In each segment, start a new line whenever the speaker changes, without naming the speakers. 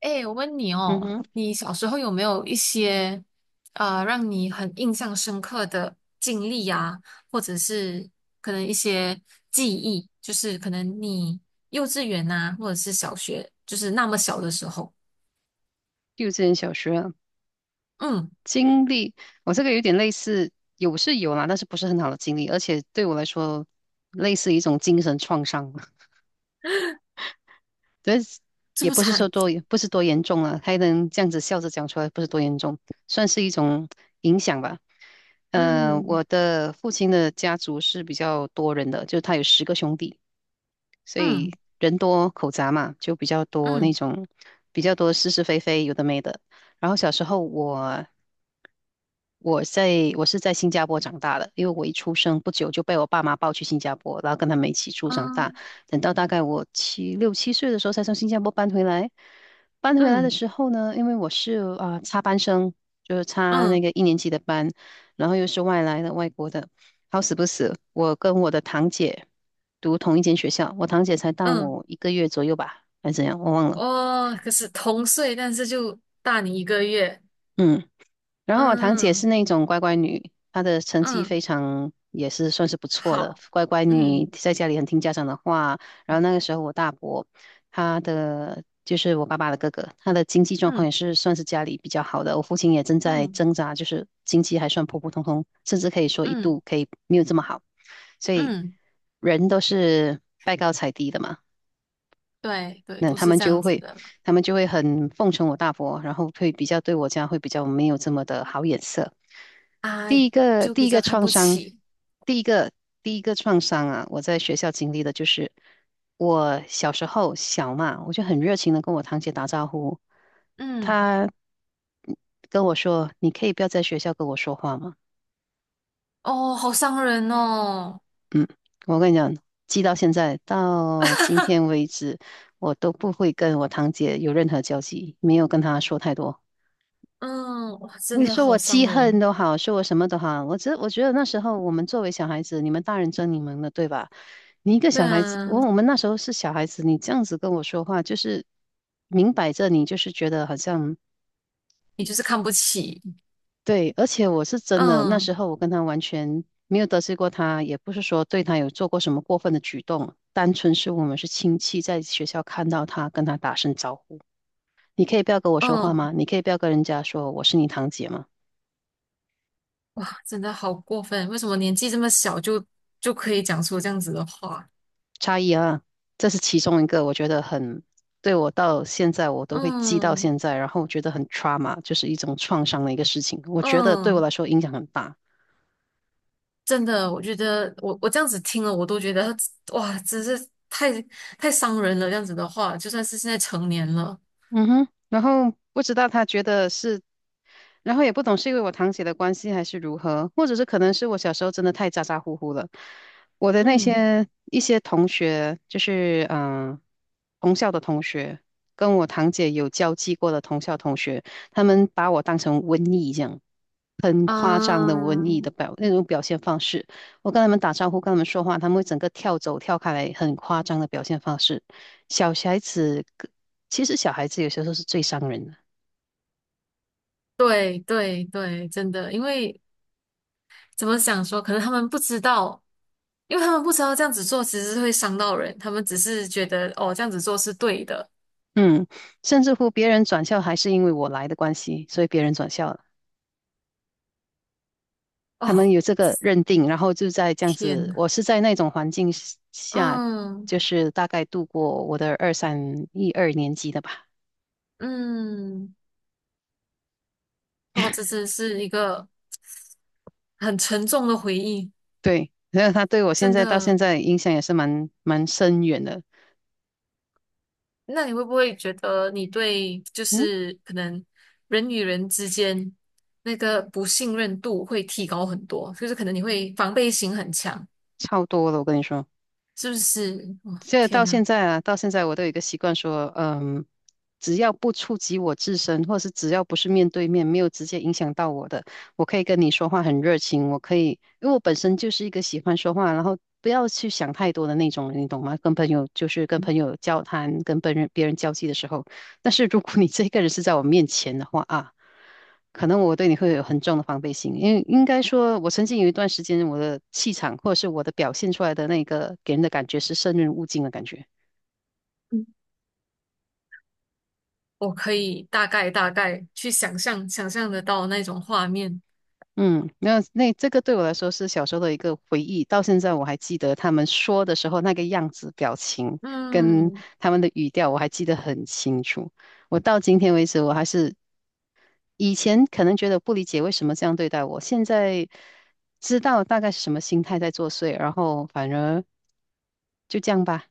哎，我问你
嗯
哦，
哼，
你小时候有没有一些让你很印象深刻的经历啊，或者是可能一些记忆，就是可能你幼稚园呐、或者是小学，就是那么小的时候。
幼稚园、小学啊
嗯。
经历，我这个有点类似，有是有啦，但是不是很好的经历，而且对我来说，类似一种精神创伤吧。但是
这
也
么
不是说
惨。
多，不是多严重啊，还能这样子笑着讲出来，不是多严重，算是一种影响吧。
嗯
我的父亲的家族是比较多人的，就是他有10个兄弟。所以
嗯
人多口杂嘛，就比较多那
嗯
种比较多是是非非，有的没的。然后小时候我是在新加坡长大的，因为我一出生不久就被我爸妈抱去新加坡，然后跟他们一起住长大。
嗯
等到大概我六七岁的时候，才从新加坡搬回来。搬回来的
嗯
时候呢，因为我是插班生，就是插那
嗯
个一年级的班，然后又是外来的外国的。好死不死，我跟我的堂姐读同一间学校，我堂姐才大
嗯。
我一个月左右吧，还是怎样，我忘了。
哦，可是同岁，但是就大你一个月。
嗯。然后我堂姐是
嗯
那种乖乖女，她的成绩
嗯，
非常也是算是不错的，
好，
乖乖女
嗯
在家里很听家长的话。然后那个时候我大伯，他的就是我爸爸的哥哥，他的经济状况
嗯
也是算是家里比较好的。我父亲也正在
嗯
挣扎，就是经济还算普普通通，甚至可以说一
嗯。
度可以没有这么好，所以
嗯。
人都是拜高踩低的嘛。
对对，都是这样子的嘛。
他们就会很奉承我大伯，然后会比较对我家会比较没有这么的好眼色。
啊，
第一个
就
第
比
一个
较看
创
不
伤，
起。
第一个第一个创伤啊，我在学校经历的就是我小时候小嘛，我就很热情的跟我堂姐打招呼，
嗯。
她跟我说：“你可以不要在学校跟我说话吗？”
哦，好伤人哦。
嗯，我跟你讲，记到现在到今天 为止，我都不会跟我堂姐有任何交集，没有跟她说太多。
嗯。哇，真
你
的
说
好
我
伤
记恨
人。
都好，说我什么都好，我觉得那时候我们作为小孩子，你们大人争你们的，对吧？你一个
对
小孩子，
啊，
我们那时候是小孩子，你这样子跟我说话，就是明摆着你就是觉得好像
你就是看不起。
对。而且我是真的，那时
嗯
候我跟他完全没有得罪过他，也不是说对他有做过什么过分的举动，单纯是我们是亲戚，在学校看到他，跟他打声招呼。你可以不要跟我说话
嗯。
吗？你可以不要跟人家说我是你堂姐吗？
哇，真的好过分。为什么年纪这么小就可以讲出这样子的话？
差异啊，这是其中一个，我觉得很，对我到现在我都会记到
嗯
现在。然后我觉得很 trauma，就是一种创伤的一个事情，我觉得对我
嗯。
来说影响很大。
真的，我觉得我这样子听了，我都觉得哇，真是太太伤人了。这样子的话，就算是现在成年了。
嗯哼，然后不知道他觉得是，然后也不懂是因为我堂姐的关系还是如何，或者是可能是我小时候真的太咋咋呼呼了。我的那
嗯。
些一些同学，就是同校的同学，跟我堂姐有交际过的同校同学，他们把我当成瘟疫这样，很夸张的瘟
啊，
疫的表那种表现方式。我跟他们打招呼，跟他们说话，他们会整个跳走跳开来，很夸张的表现方式。小孩子。其实小孩子有些时候是最伤人的。
对对对，真的，因为怎么想说，可能他们不知道，因为他们不知道这样子做其实是会伤到人，他们只是觉得哦，这样子做是对的。
嗯，甚至乎别人转校还是因为我来的关系，所以别人转校了，他
哦，
们有这个认定，然后就在这样
天
子，
呐。
我是在那种环境下，
嗯
就是大概度过我的一二年级的吧。
嗯。哇，这真是一个很沉重的回忆。
对，然后他对我现
真
在到现
的。
在影响也是蛮深远的。
那你会不会觉得你对就
嗯，
是可能人与人之间那个不信任度会提高很多，就是可能你会防备心很强？
超多了，我跟你说。
是不是？哇、
这到
天呐。
现在啊，到现在我都有一个习惯说，嗯，只要不触及我自身，或是只要不是面对面，没有直接影响到我的，我可以跟你说话很热情，我可以，因为我本身就是一个喜欢说话，然后不要去想太多的那种人，你懂吗？跟朋友就是跟朋
嗯
友交谈，跟别人交际的时候。但是如果你这个人是在我面前的话啊，可能我对你会有很重的防备心。因为应该说，我曾经有一段时间，我的气场或者是我的表现出来的那个给人的感觉是生人勿近的感觉。
嗯，我可以大概去想象得到那种画面。
嗯，那这个对我来说是小时候的一个回忆。到现在我还记得他们说的时候那个样子、表情跟
嗯。
他们的语调，我还记得很清楚。我到今天为止，我还是以前可能觉得不理解为什么这样对待我，现在知道大概是什么心态在作祟，然后反而就这样吧。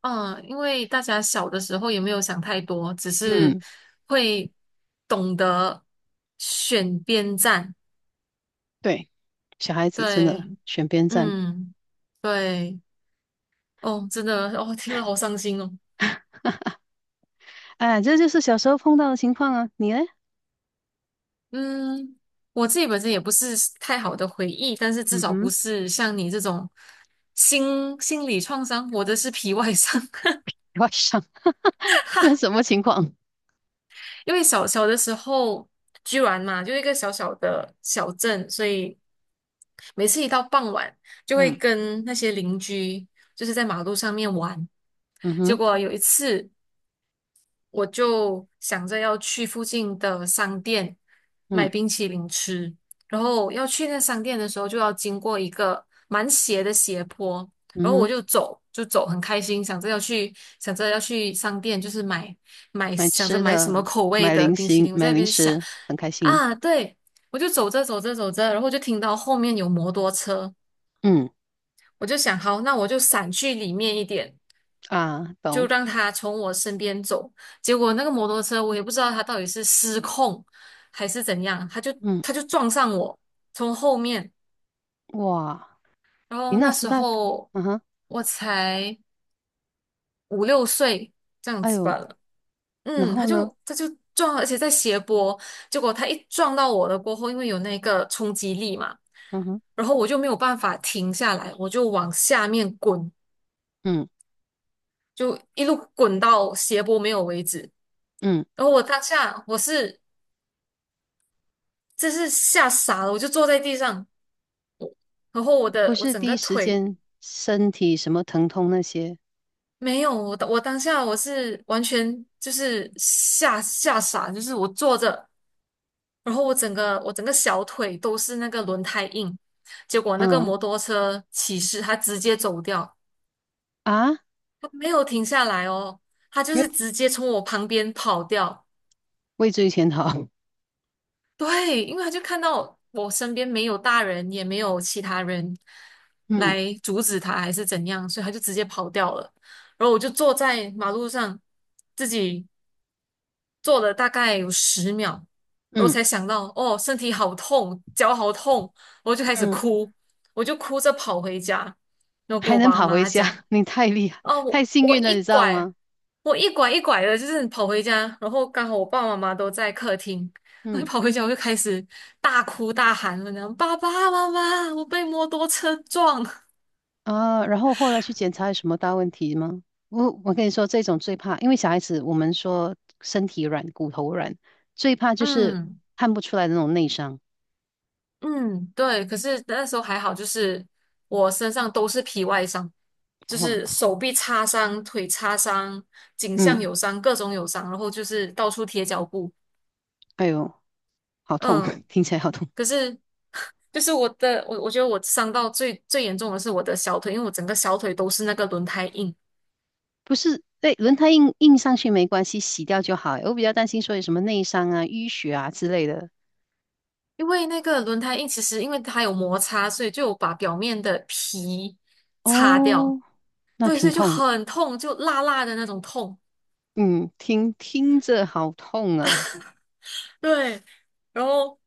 啊，因为大家小的时候也没有想太多，只是
嗯。
会懂得选边站。
对，小孩子真的
对，
选边站。
嗯，对。哦，真的，哦，听了好伤心哦。
哎，这就是小时候碰到的情况啊。你呢？
嗯，我自己本身也不是太好的回忆，但是至
嗯
少不
哼，
是像你这种心理创伤，我的是皮外伤。
外伤，那什么情况？
因为小小的时候，居然嘛，就一个小小的小镇，所以每次一到傍晚，就会
嗯
跟那些邻居就是在马路上面玩。
嗯
结
哼，
果有一次，我就想着要去附近的商店
嗯
买冰淇淋吃，然后要去那商店的时候就要经过一个蛮斜的斜坡，
嗯
然后我
哼，
就走，很开心，想着要去商店，就是买
买
想着
吃
买什么
的，
口味
买
的
零
冰
食，
淇淋，我在
买
那
零
边想。
食，很开心。
啊，对，我就走着，然后就听到后面有摩托车，
嗯，
我就想好，那我就闪去里面一点。
啊，
就
懂。
让他从我身边走。结果那个摩托车，我也不知道他到底是失控还是怎样，
嗯，
他就撞上我，从后面。
哇，
然
你
后
那
那
时
时
大，
候
嗯哼，
我才五六岁这样
哎
子
呦，
吧了。
然
嗯，
后呢？
他就撞，而且在斜坡。结果他一撞到我了过后，因为有那个冲击力嘛，
嗯哼，
然后我就没有办法停下来，我就往下面滚，
嗯
就一路滚到斜坡没有为止。
嗯，
然后我当下是真是吓傻了，我就坐在地上，然后
不
我
是
整
第一
个
时
腿
间身体什么疼痛那些，
没有，我当下我是完全就是吓傻，就是我坐着，然后我整个小腿都是那个轮胎印，结果那个
嗯，
摩托车骑士他直接走掉，
啊，
他没有停下来哦，他就
没有
是直接从我旁边跑掉。
畏罪潜逃。
对，因为他就看到我身边没有大人，也没有其他人
嗯
来阻止他，还是怎样，所以他就直接跑掉了。然后我就坐在马路上，自己坐了大概有十秒，然后
嗯
才想到，哦，身体好痛，脚好痛，我就开始
嗯
哭，我就哭着跑回家，然 后跟
还
我
能
爸
跑回
妈
家，
讲。
你太厉害，
哦，
太幸
我
运了，
一
你知道
拐，
吗？
我一拐一拐的，就是跑回家，然后刚好我爸爸妈妈都在客厅，我一
嗯，
跑回家我就开始大哭大喊了，然后爸爸妈妈，我被摩托车撞。
啊，然后后来去检查有什么大问题吗？我跟你说，这种最怕，因为小孩子我们说身体软、骨头软，最怕就是
嗯
看不出来的那种内伤。
嗯。对，可是那时候还好，就是我身上都是皮外伤，就
哇，
是手臂擦伤、腿擦伤、颈项
嗯，
有伤、各种有伤，然后就是到处贴脚布。
哎呦，好痛，
嗯，
听起来好痛。
可是。就是我我觉得我伤到最严重的是我的小腿，因为我整个小腿都是那个轮胎印。
不是，对，轮胎印印上去没关系，洗掉就好。我比较担心说有什么内伤啊、淤血啊之类的。
因为那个轮胎印其实因为它有摩擦，所以就有把表面的皮擦掉，
哦，那
对，所
挺
以就
痛的。
很痛，就辣辣的那种痛。
嗯，听听着好痛啊。
对，然后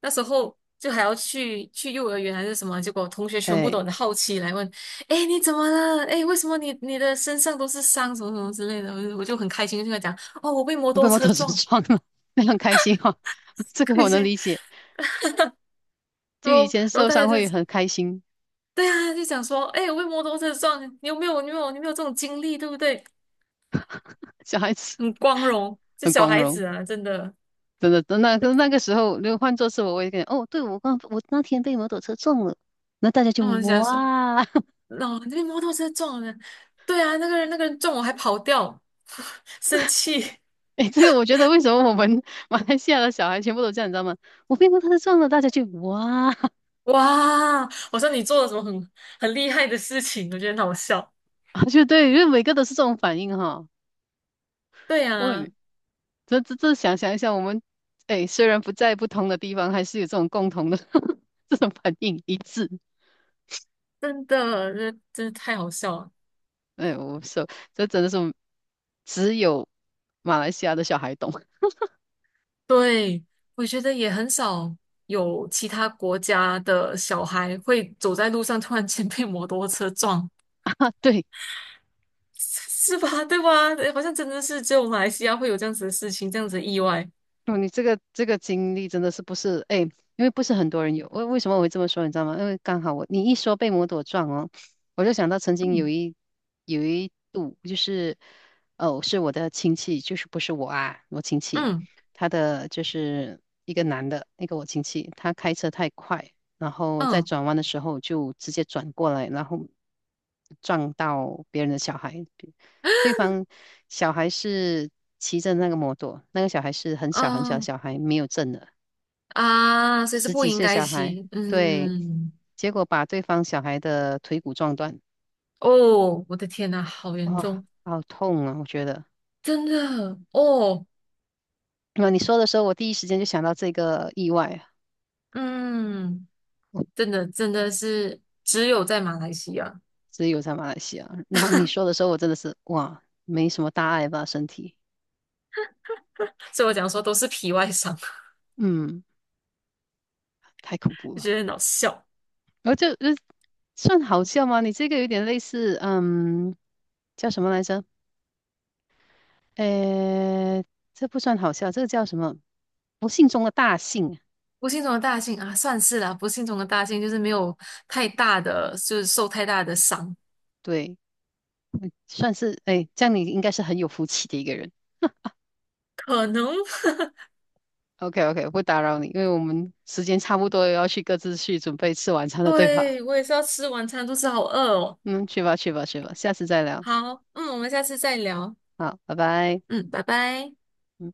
那时候就还要去幼儿园还是什么，结果同学全部
哎，
都很好奇来问：“哎，你怎么了？哎，为什么你的身上都是伤，什么什么之类的？”我就很开心，就跟他讲：“哦，我被摩
我被
托
摩
车
托车
撞，
撞了，非常开心哈，这
很
个
开
我能
心。”
理解。就以前
然后
受
大家
伤
就
会很开心，
对啊，就想说，哎，我被摩托车撞，你有没有这种经历，对不对？
小孩子
很光荣，这
很
小
光
孩
荣，
子啊，真的。
真的。那个时候，如果换作是我，我也感觉哦，对我刚我那天被摩托车撞了，那大家就
那我想说，
哇，
那我被摩托车撞了，对啊，那个人撞我还跑掉，生气。
诶，这个我觉得为什么我们马来西亚的小孩全部都这样，你知道吗？我被摩托车撞了，大家就哇，
哇！我说你做了什么很厉害的事情，我觉得很好笑。
就对，因为每个都是这种反应哈。
对
我也
啊，
没这这这想想一下，我们哎，虽然不在不同的地方，还是有这种共同的 这种反应一致。
真的，这真的太好笑了。
哎，我说这真的是只有马来西亚的小孩懂。
对，我觉得也很少有其他国家的小孩会走在路上突然间被摩托车撞，
对。
是吧？对吧？好像真的是只有马来西亚会有这样子的事情，这样子的意外。
哦，你这个这个经历真的是不是哎，因为不是很多人有。为什么我会这么说，你知道吗？因为刚好我你一说被摩托撞哦，我就想到曾经有
嗯
一有一度就是哦，是我的亲戚，就是不是我啊，我亲戚，
嗯
他的就是一个男的，那个我亲戚，他开车太快，然后在
嗯
转弯的时候就直接转过来，然后撞到别人的小孩。对方小孩是骑着那个摩托，那个小孩是很小很小的
嗯。
小孩，没有证的，
啊，所以是
十
不
几
应
岁
该
小孩，
骑。
对，
嗯，
结果把对方小孩的腿骨撞断。
哦，我的天呐，好严
哇，
重，
好痛啊。我觉得，
真的哦，
那你说的时候，我第一时间就想到这个意外啊。
嗯，
我
真的真的是只有在马来西亚，
只有在马来西亚。然后你说的时候，我真的是哇，没什么大碍吧，身体，
所以我讲说都是皮外伤，
嗯，太恐怖
就
了。
觉得很好笑。
然后算好笑吗？你这个有点类似，嗯，叫什么来着？呃，这不算好笑，这个叫什么？不幸中的大幸啊，
不幸中的大幸啊，算是啦、不幸中的大幸就是没有太大的，就是受太大的伤。
对，算是，哎，这样你应该是很有福气的一个人。
可能，
OK OK，不打扰你，因为我们时间差不多，要去各自去准备吃晚餐了，对吧？
对，我也是要吃晚餐，肚子好饿哦。
嗯，去吧去吧去吧，下次再聊。
好，嗯，我们下次再聊。
好，拜拜。
嗯，拜拜。
嗯。